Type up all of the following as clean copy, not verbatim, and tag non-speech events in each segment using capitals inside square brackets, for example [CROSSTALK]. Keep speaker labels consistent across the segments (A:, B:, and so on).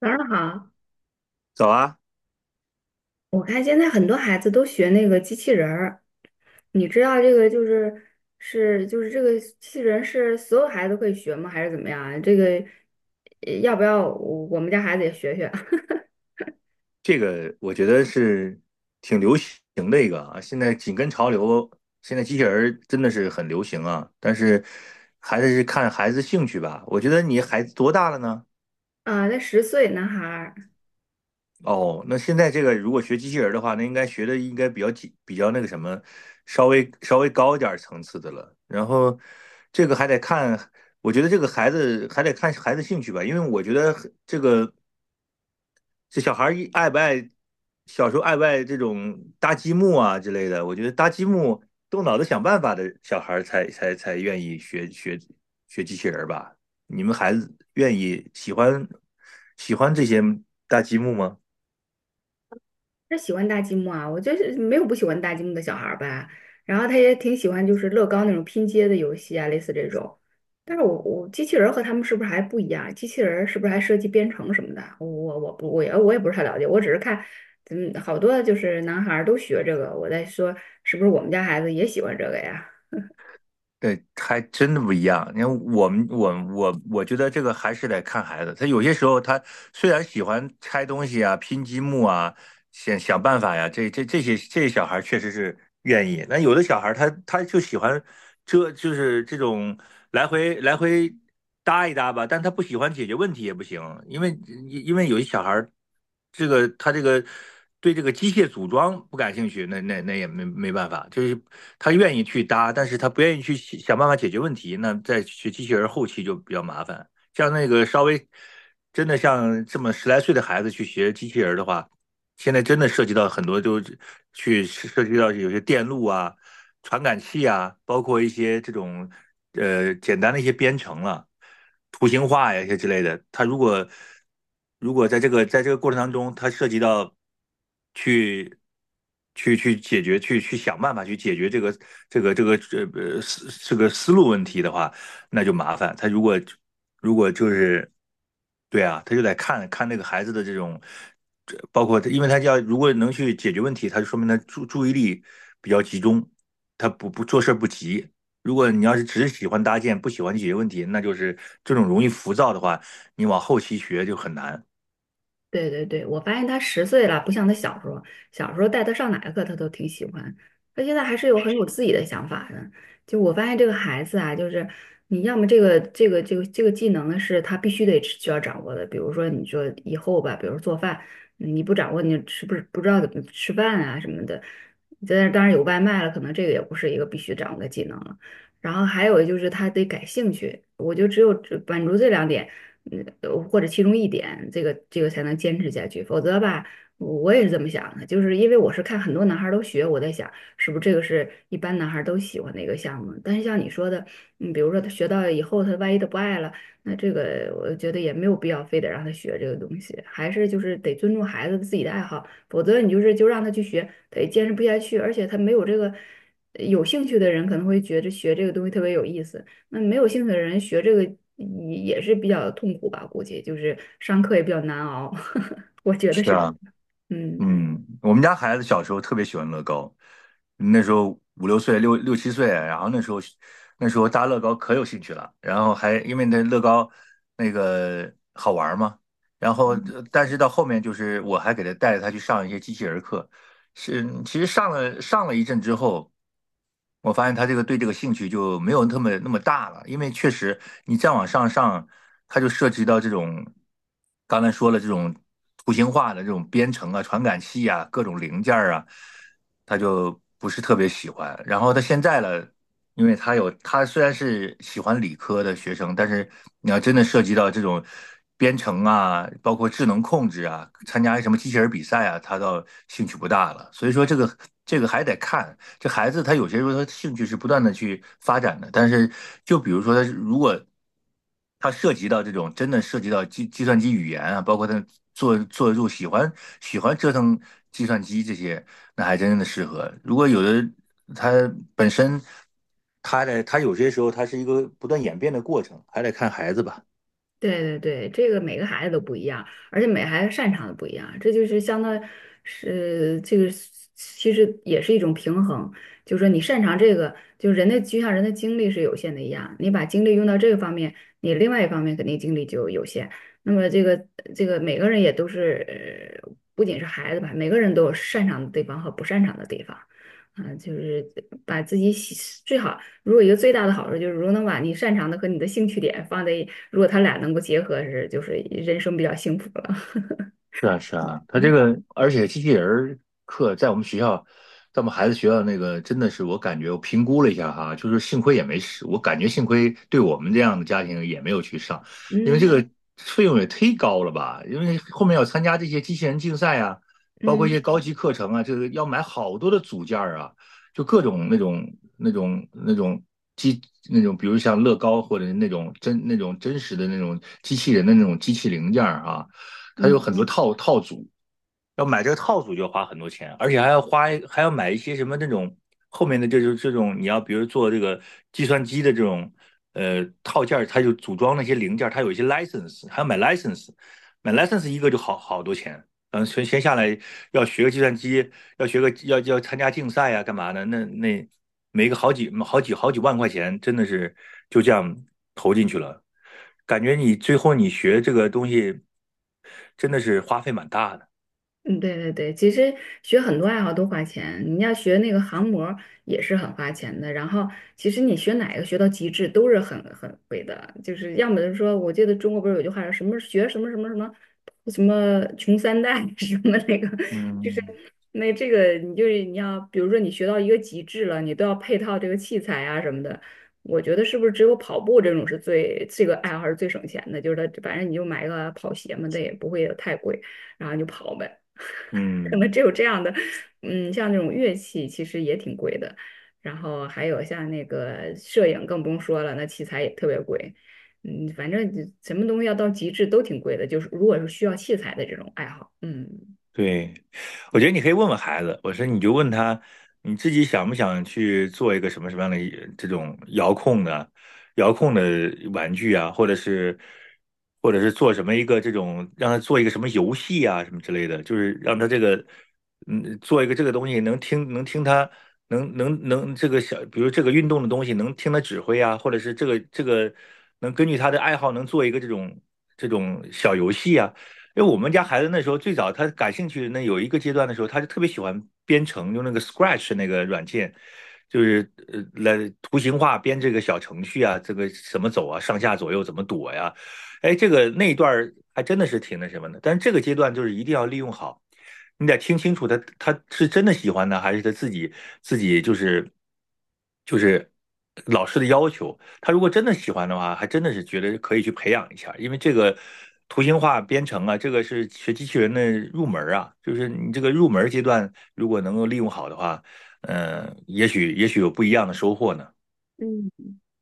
A: 早上好，
B: 早啊，
A: 我看现在很多孩子都学那个机器人儿，你知道这个就是这个机器人是所有孩子都可以学吗？还是怎么样啊？这个要不要我们家孩子也学学
B: 这个我觉得是挺流行的一个啊，现在紧跟潮流，现在机器人儿真的是很流行啊，但是还是看孩子兴趣吧。我觉得你孩子多大了呢？
A: [LAUGHS] 啊？那10岁男孩儿。
B: 哦，那现在这个如果学机器人儿的话，那应该学的应该比较紧，比较那个什么，稍微高一点儿层次的了。然后这个还得看，我觉得这个孩子还得看孩子兴趣吧，因为我觉得这个。这小孩儿一爱不爱，小时候爱不爱这种搭积木啊之类的？我觉得搭积木、动脑子想办法的小孩儿才愿意学机器人儿吧？你们孩子愿意喜欢这些搭积木吗？
A: 他喜欢搭积木啊，我就是没有不喜欢搭积木的小孩儿吧。然后他也挺喜欢就是乐高那种拼接的游戏啊，类似这种。但是我机器人儿和他们是不是还不一样？机器人儿是不是还涉及编程什么的？我也不是太了解，我只是看，嗯，好多就是男孩儿都学这个，我在说是不是我们家孩子也喜欢这个呀？
B: 对，还真的不一样。你看，我我觉得这个还是得看孩子。他有些时候，他虽然喜欢拆东西啊、拼积木啊，想想办法呀。这些小孩确实是愿意，那有的小孩他就喜欢这就是这种来回搭一搭吧，但他不喜欢解决问题也不行，因为因为有些小孩他对这个机械组装不感兴趣，那也没办法，就是他愿意去搭，但是他不愿意去想想办法解决问题，那在学机器人后期就比较麻烦。像那个稍微真的像这么十来岁的孩子去学机器人的话，现在真的涉及到很多，就去涉及到有些电路啊、传感器啊，包括一些这种简单的一些编程了、图形化呀一些之类的。它如果如果在这个过程当中，它涉及到去去解决、去想办法去解决这个这个这个呃呃思这个思路问题的话，那就麻烦。他如果如果就是。对啊，他就得看看那个孩子的这种，这包括他，因为他要如果能去解决问题，他就说明他注意力比较集中，他不做事不急。如果你要是只喜欢搭建，不喜欢解决问题，那就是这种容易浮躁的话，你往后期学就很难。
A: 对对对，我发现他十岁了，不像他小时候，小时候带他上哪个课他都挺喜欢，他现在还是有很有自己的想法的。就我发现这个孩子啊，就是你要么这个技能呢是他必须得需要掌握的，比如说你说以后吧，比如做饭，你不掌握你是不是不知道怎么吃饭啊什么的。但是当然有外卖了，可能这个也不是一个必须掌握的技能了。然后还有就是他得感兴趣，我就只满足这两点。嗯，或者其中一点，这个才能坚持下去。否则吧，我也是这么想的，就是因为我是看很多男孩儿都学，我在想是不是这个是一般男孩儿都喜欢的一个项目。但是像你说的，比如说他学到以后，他万一他不爱了，那这个我觉得也没有必要非得让他学这个东西，还是就是得尊重孩子自己的爱好，否则你就是就让他去学，他也坚持不下去，而且他没有这个有兴趣的人可能会觉得学这个东西特别有意思。那没有兴趣的人学这个也是比较痛苦吧，估计就是上课也比较难熬，[LAUGHS] 我觉得
B: 是
A: 是，
B: 啊。
A: 嗯。
B: 嗯，我们家孩子小时候特别喜欢乐高，那时候五六岁、六七岁，然后那时候搭乐高可有兴趣了，然后还因为那乐高那个好玩嘛，然后但是到后面就是我还给他带着他去上一些机器人课，是，其实上了一阵之后，我发现他这个对这个兴趣就没有那么大了，因为确实你再往上上，它就涉及到这种刚才说了这种图形化的这种编程啊、传感器啊、各种零件儿啊，他就不是特别喜欢。然后他现在了，因为他有他虽然是喜欢理科的学生，但是你要真的涉及到这种编程啊，包括智能控制啊，参加什么机器人比赛啊，他倒兴趣不大了。所以说这个这个还得看，这孩子他有些时候他兴趣是不断的去发展的，但是就比如说他如果他涉及到这种真的涉及到计算机语言啊，包括他做做入喜欢喜欢折腾计算机这些，那还真的适合。如果有的他本身他的他有些时候他是一个不断演变的过程，还得看孩子吧。
A: 对对对，这个每个孩子都不一样，而且每个孩子擅长的不一样，这就是相当是这个是其实也是一种平衡，就是说你擅长这个，就人的就像人的精力是有限的一样，你把精力用到这个方面，你另外一方面肯定精力就有限。那么这个每个人也都是，不仅是孩子吧，每个人都有擅长的地方和不擅长的地方，啊、就是把自己喜最好。如果一个最大的好处就是，如果能把你擅长的和你的兴趣点放在一，如果他俩能够结合是，就是人生比较幸福了。
B: 是啊，是啊，他这
A: 嗯
B: 个，而且机器人儿课在我们学校，在我们孩子学校那个，真的是我感觉我评估了一下哈，就是幸亏也没事，我感觉幸亏对我们这样的家庭也没有去上，因为这
A: 嗯
B: 个费用也忒高了吧？因为后面要参加这些机器人竞赛啊，包括一些
A: 嗯
B: 高级课程啊，这个要买好多的组件儿啊，就各种那种机那种，比如像乐高或者那种真那种真实的那种机器人的那种机器零件儿啊。它有很多套组，要买这个套组就要花很多钱，而且还要花还要买一些什么那种后面的这种这种你要比如做这个计算机的这种套件儿，它就组装那些零件儿，它有一些 license，还要买 license，买 license 一个就好多钱。嗯，全先下来要学个计算机，要学个要要参加竞赛啊，干嘛的？那那每个好几好几好几万块钱，真的是就这样投进去了，感觉你最后你学这个东西真的是花费蛮大的。
A: 嗯，对对对，其实学很多爱好都花钱，你要学那个航模也是很花钱的。然后，其实你学哪个学到极致都是很贵的，就是要么就是说，我记得中国不是有句话说什么学什么什么什么什么穷三代 [LAUGHS] 什么那个，
B: 嗯
A: 那这个你就是你要，比如说你学到一个极致了，你都要配套这个器材啊什么的。我觉得是不是只有跑步这种是最这个爱好是最省钱的？就是它反正你就买个跑鞋嘛，它也不会太贵，然后你就跑呗。[LAUGHS] 可能
B: 嗯，
A: 只有这样的，嗯，像那种乐器其实也挺贵的，然后还有像那个摄影更不用说了，那器材也特别贵。嗯，反正就什么东西要到极致都挺贵的，就是如果是需要器材的这种爱好，嗯。
B: 对，我觉得你可以问问孩子，我说你就问他，你自己想不想去做一个什么什么样的一这种遥控的玩具啊，或者是做什么一个这种让他做一个什么游戏啊什么之类的，就是让他这个嗯做一个这个东西能听他能这个小，比如这个运动的东西能听他指挥啊，或者是这个能根据他的爱好能做一个这种。这种小游戏啊。因为我们家孩子那时候最早他感兴趣，那有一个阶段的时候，他就特别喜欢编程，用那个 Scratch 那个软件，就是来图形化编这个小程序啊，这个怎么走啊，上下左右怎么躲呀？哎，这个那一段还真的是挺那什么的。但是这个阶段就是一定要利用好，你得听清楚他是真的喜欢呢，还是他自己就是老师的要求。他如果真的喜欢的话，还真的是觉得可以去培养一下，因为这个图形化编程啊，这个是学机器人的入门啊，就是你这个入门阶段如果能够利用好的话，嗯、也许有不一样的收获呢。
A: 嗯，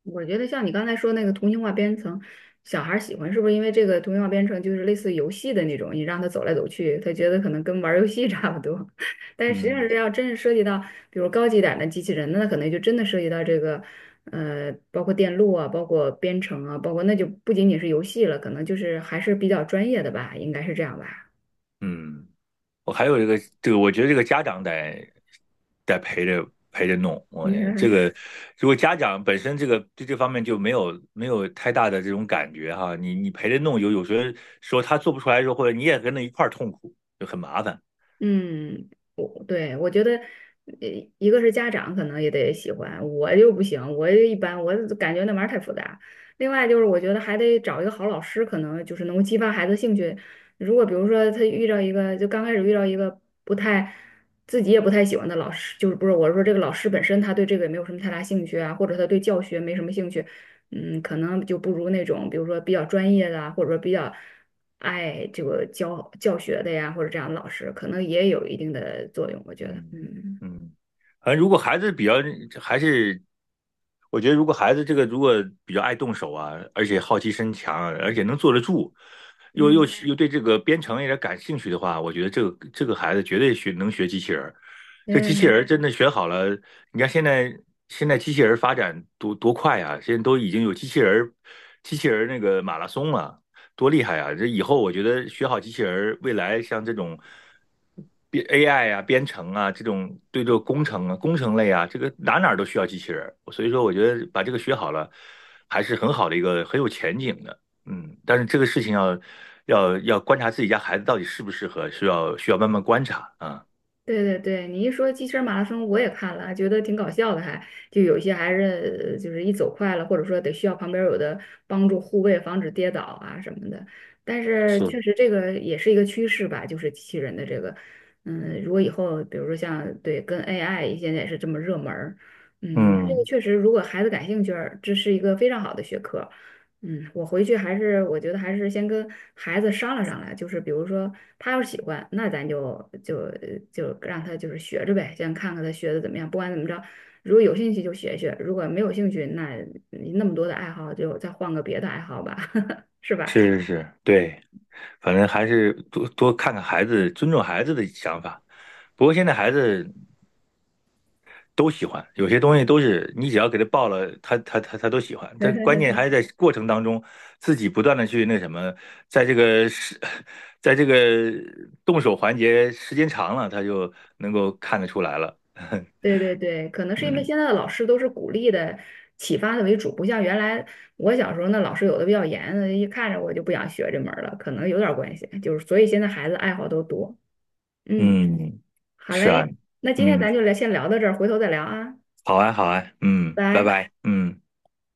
A: 我觉得像你刚才说那个图形化编程，小孩儿喜欢是不是因为这个图形化编程就是类似于游戏的那种，你让他走来走去，他觉得可能跟玩儿游戏 [LAUGHS] 差不多。[LAUGHS] 但是实际上
B: 嗯
A: 是要真是涉及到，比如高级点儿的机器人，那可能就真的涉及到这个，包括电路啊，包括编程啊，包括那就不仅仅是游戏了，可能就是还是比较专业的吧，应该是这样吧？
B: 嗯。我还有一个这个，我觉得这个家长得得陪着弄。我
A: 应该
B: 这个如果家长本身这个对这方面就没有太大的这种感觉哈，你你陪着弄有时候说他做不出来的时候，或者你也跟着一块儿痛苦，就很麻烦。
A: 嗯，我觉得，呃一个是家长可能也得喜欢，我就不行，我就一般，我就感觉那玩意儿太复杂。另外就是，我觉得还得找一个好老师，可能就是能够激发孩子兴趣。如果比如说他遇到一个，就刚开始遇到一个不太自己也不太喜欢的老师，就是不是我是说这个老师本身他对这个也没有什么太大兴趣啊，或者他对教学没什么兴趣，嗯，可能就不如那种比如说比较专业的啊，或者说比较。爱这个教学的呀，或者这样的老师，可能也有一定的作用，我觉得，
B: 嗯
A: 嗯
B: 嗯，反正如果孩子比较还是，我觉得如果孩子这个如果比较爱动手啊，而且好奇心强啊而且能坐得住，又又
A: 嗯。
B: 又对这个编程有点感兴趣的话，我觉得这个这个孩子绝对学能学机器人儿。这机器人
A: 嗯，
B: 儿真的学好了，你看现在机器人儿发展多快啊！现在都已经有机器人儿那个马拉松了、多厉害啊！这以后我觉得学好机器人儿，未来像这种编 AI 啊、编程啊这种对这个工程啊、工程类啊，这个哪儿都需要机器人儿。所以说，我觉得把这个学好了，还是很好的一个很有前景的。嗯，但是这个事情要观察自己家孩子到底适不适合，需要慢慢观察啊。
A: 对对对，你一说机器人马拉松，我也看了，还觉得挺搞笑的还，就有一些还是就是一走快了，或者说得需要旁边有的帮助护卫，防止跌倒啊什么的。但是
B: 是，
A: 确实这个也是一个趋势吧，就是机器人的这个，嗯，如果以后比如说像对跟 AI 现在也是这么热门儿，嗯，这个
B: 嗯，
A: 确实如果孩子感兴趣儿，这是一个非常好的学科。嗯，我回去还是我觉得还是先跟孩子商量商量，就是比如说他要是喜欢，那咱就让他就是学着呗，先看看他学的怎么样。不管怎么着，如果有兴趣就学学，如果没有兴趣，那你那么多的爱好就再换个别的爱好吧，[LAUGHS] 是吧？
B: 是是是，对，反正还是多多看看孩子，尊重孩子的想法。不过现在孩子都喜欢，有些东西都是你只要给他报了，他都喜欢。但关键还是在过程当中，自己不断的去那什么，在这个是，在这个动手环节时间长了，他就能够看得出来了。[LAUGHS]
A: 对对对，可能是因为
B: 嗯
A: 现在的老师都是鼓励的、启发的为主，不像原来我小时候那老师有的比较严，一看着我就不想学这门儿了，可能有点儿关系，就是所以现在孩子爱好都多，嗯。
B: 嗯，
A: 好
B: 是啊，
A: 嘞，那今天
B: 嗯，
A: 咱就聊，先聊到这儿，回头再聊啊，
B: 好啊好啊，嗯，
A: 拜
B: 拜
A: 拜。
B: 拜，嗯。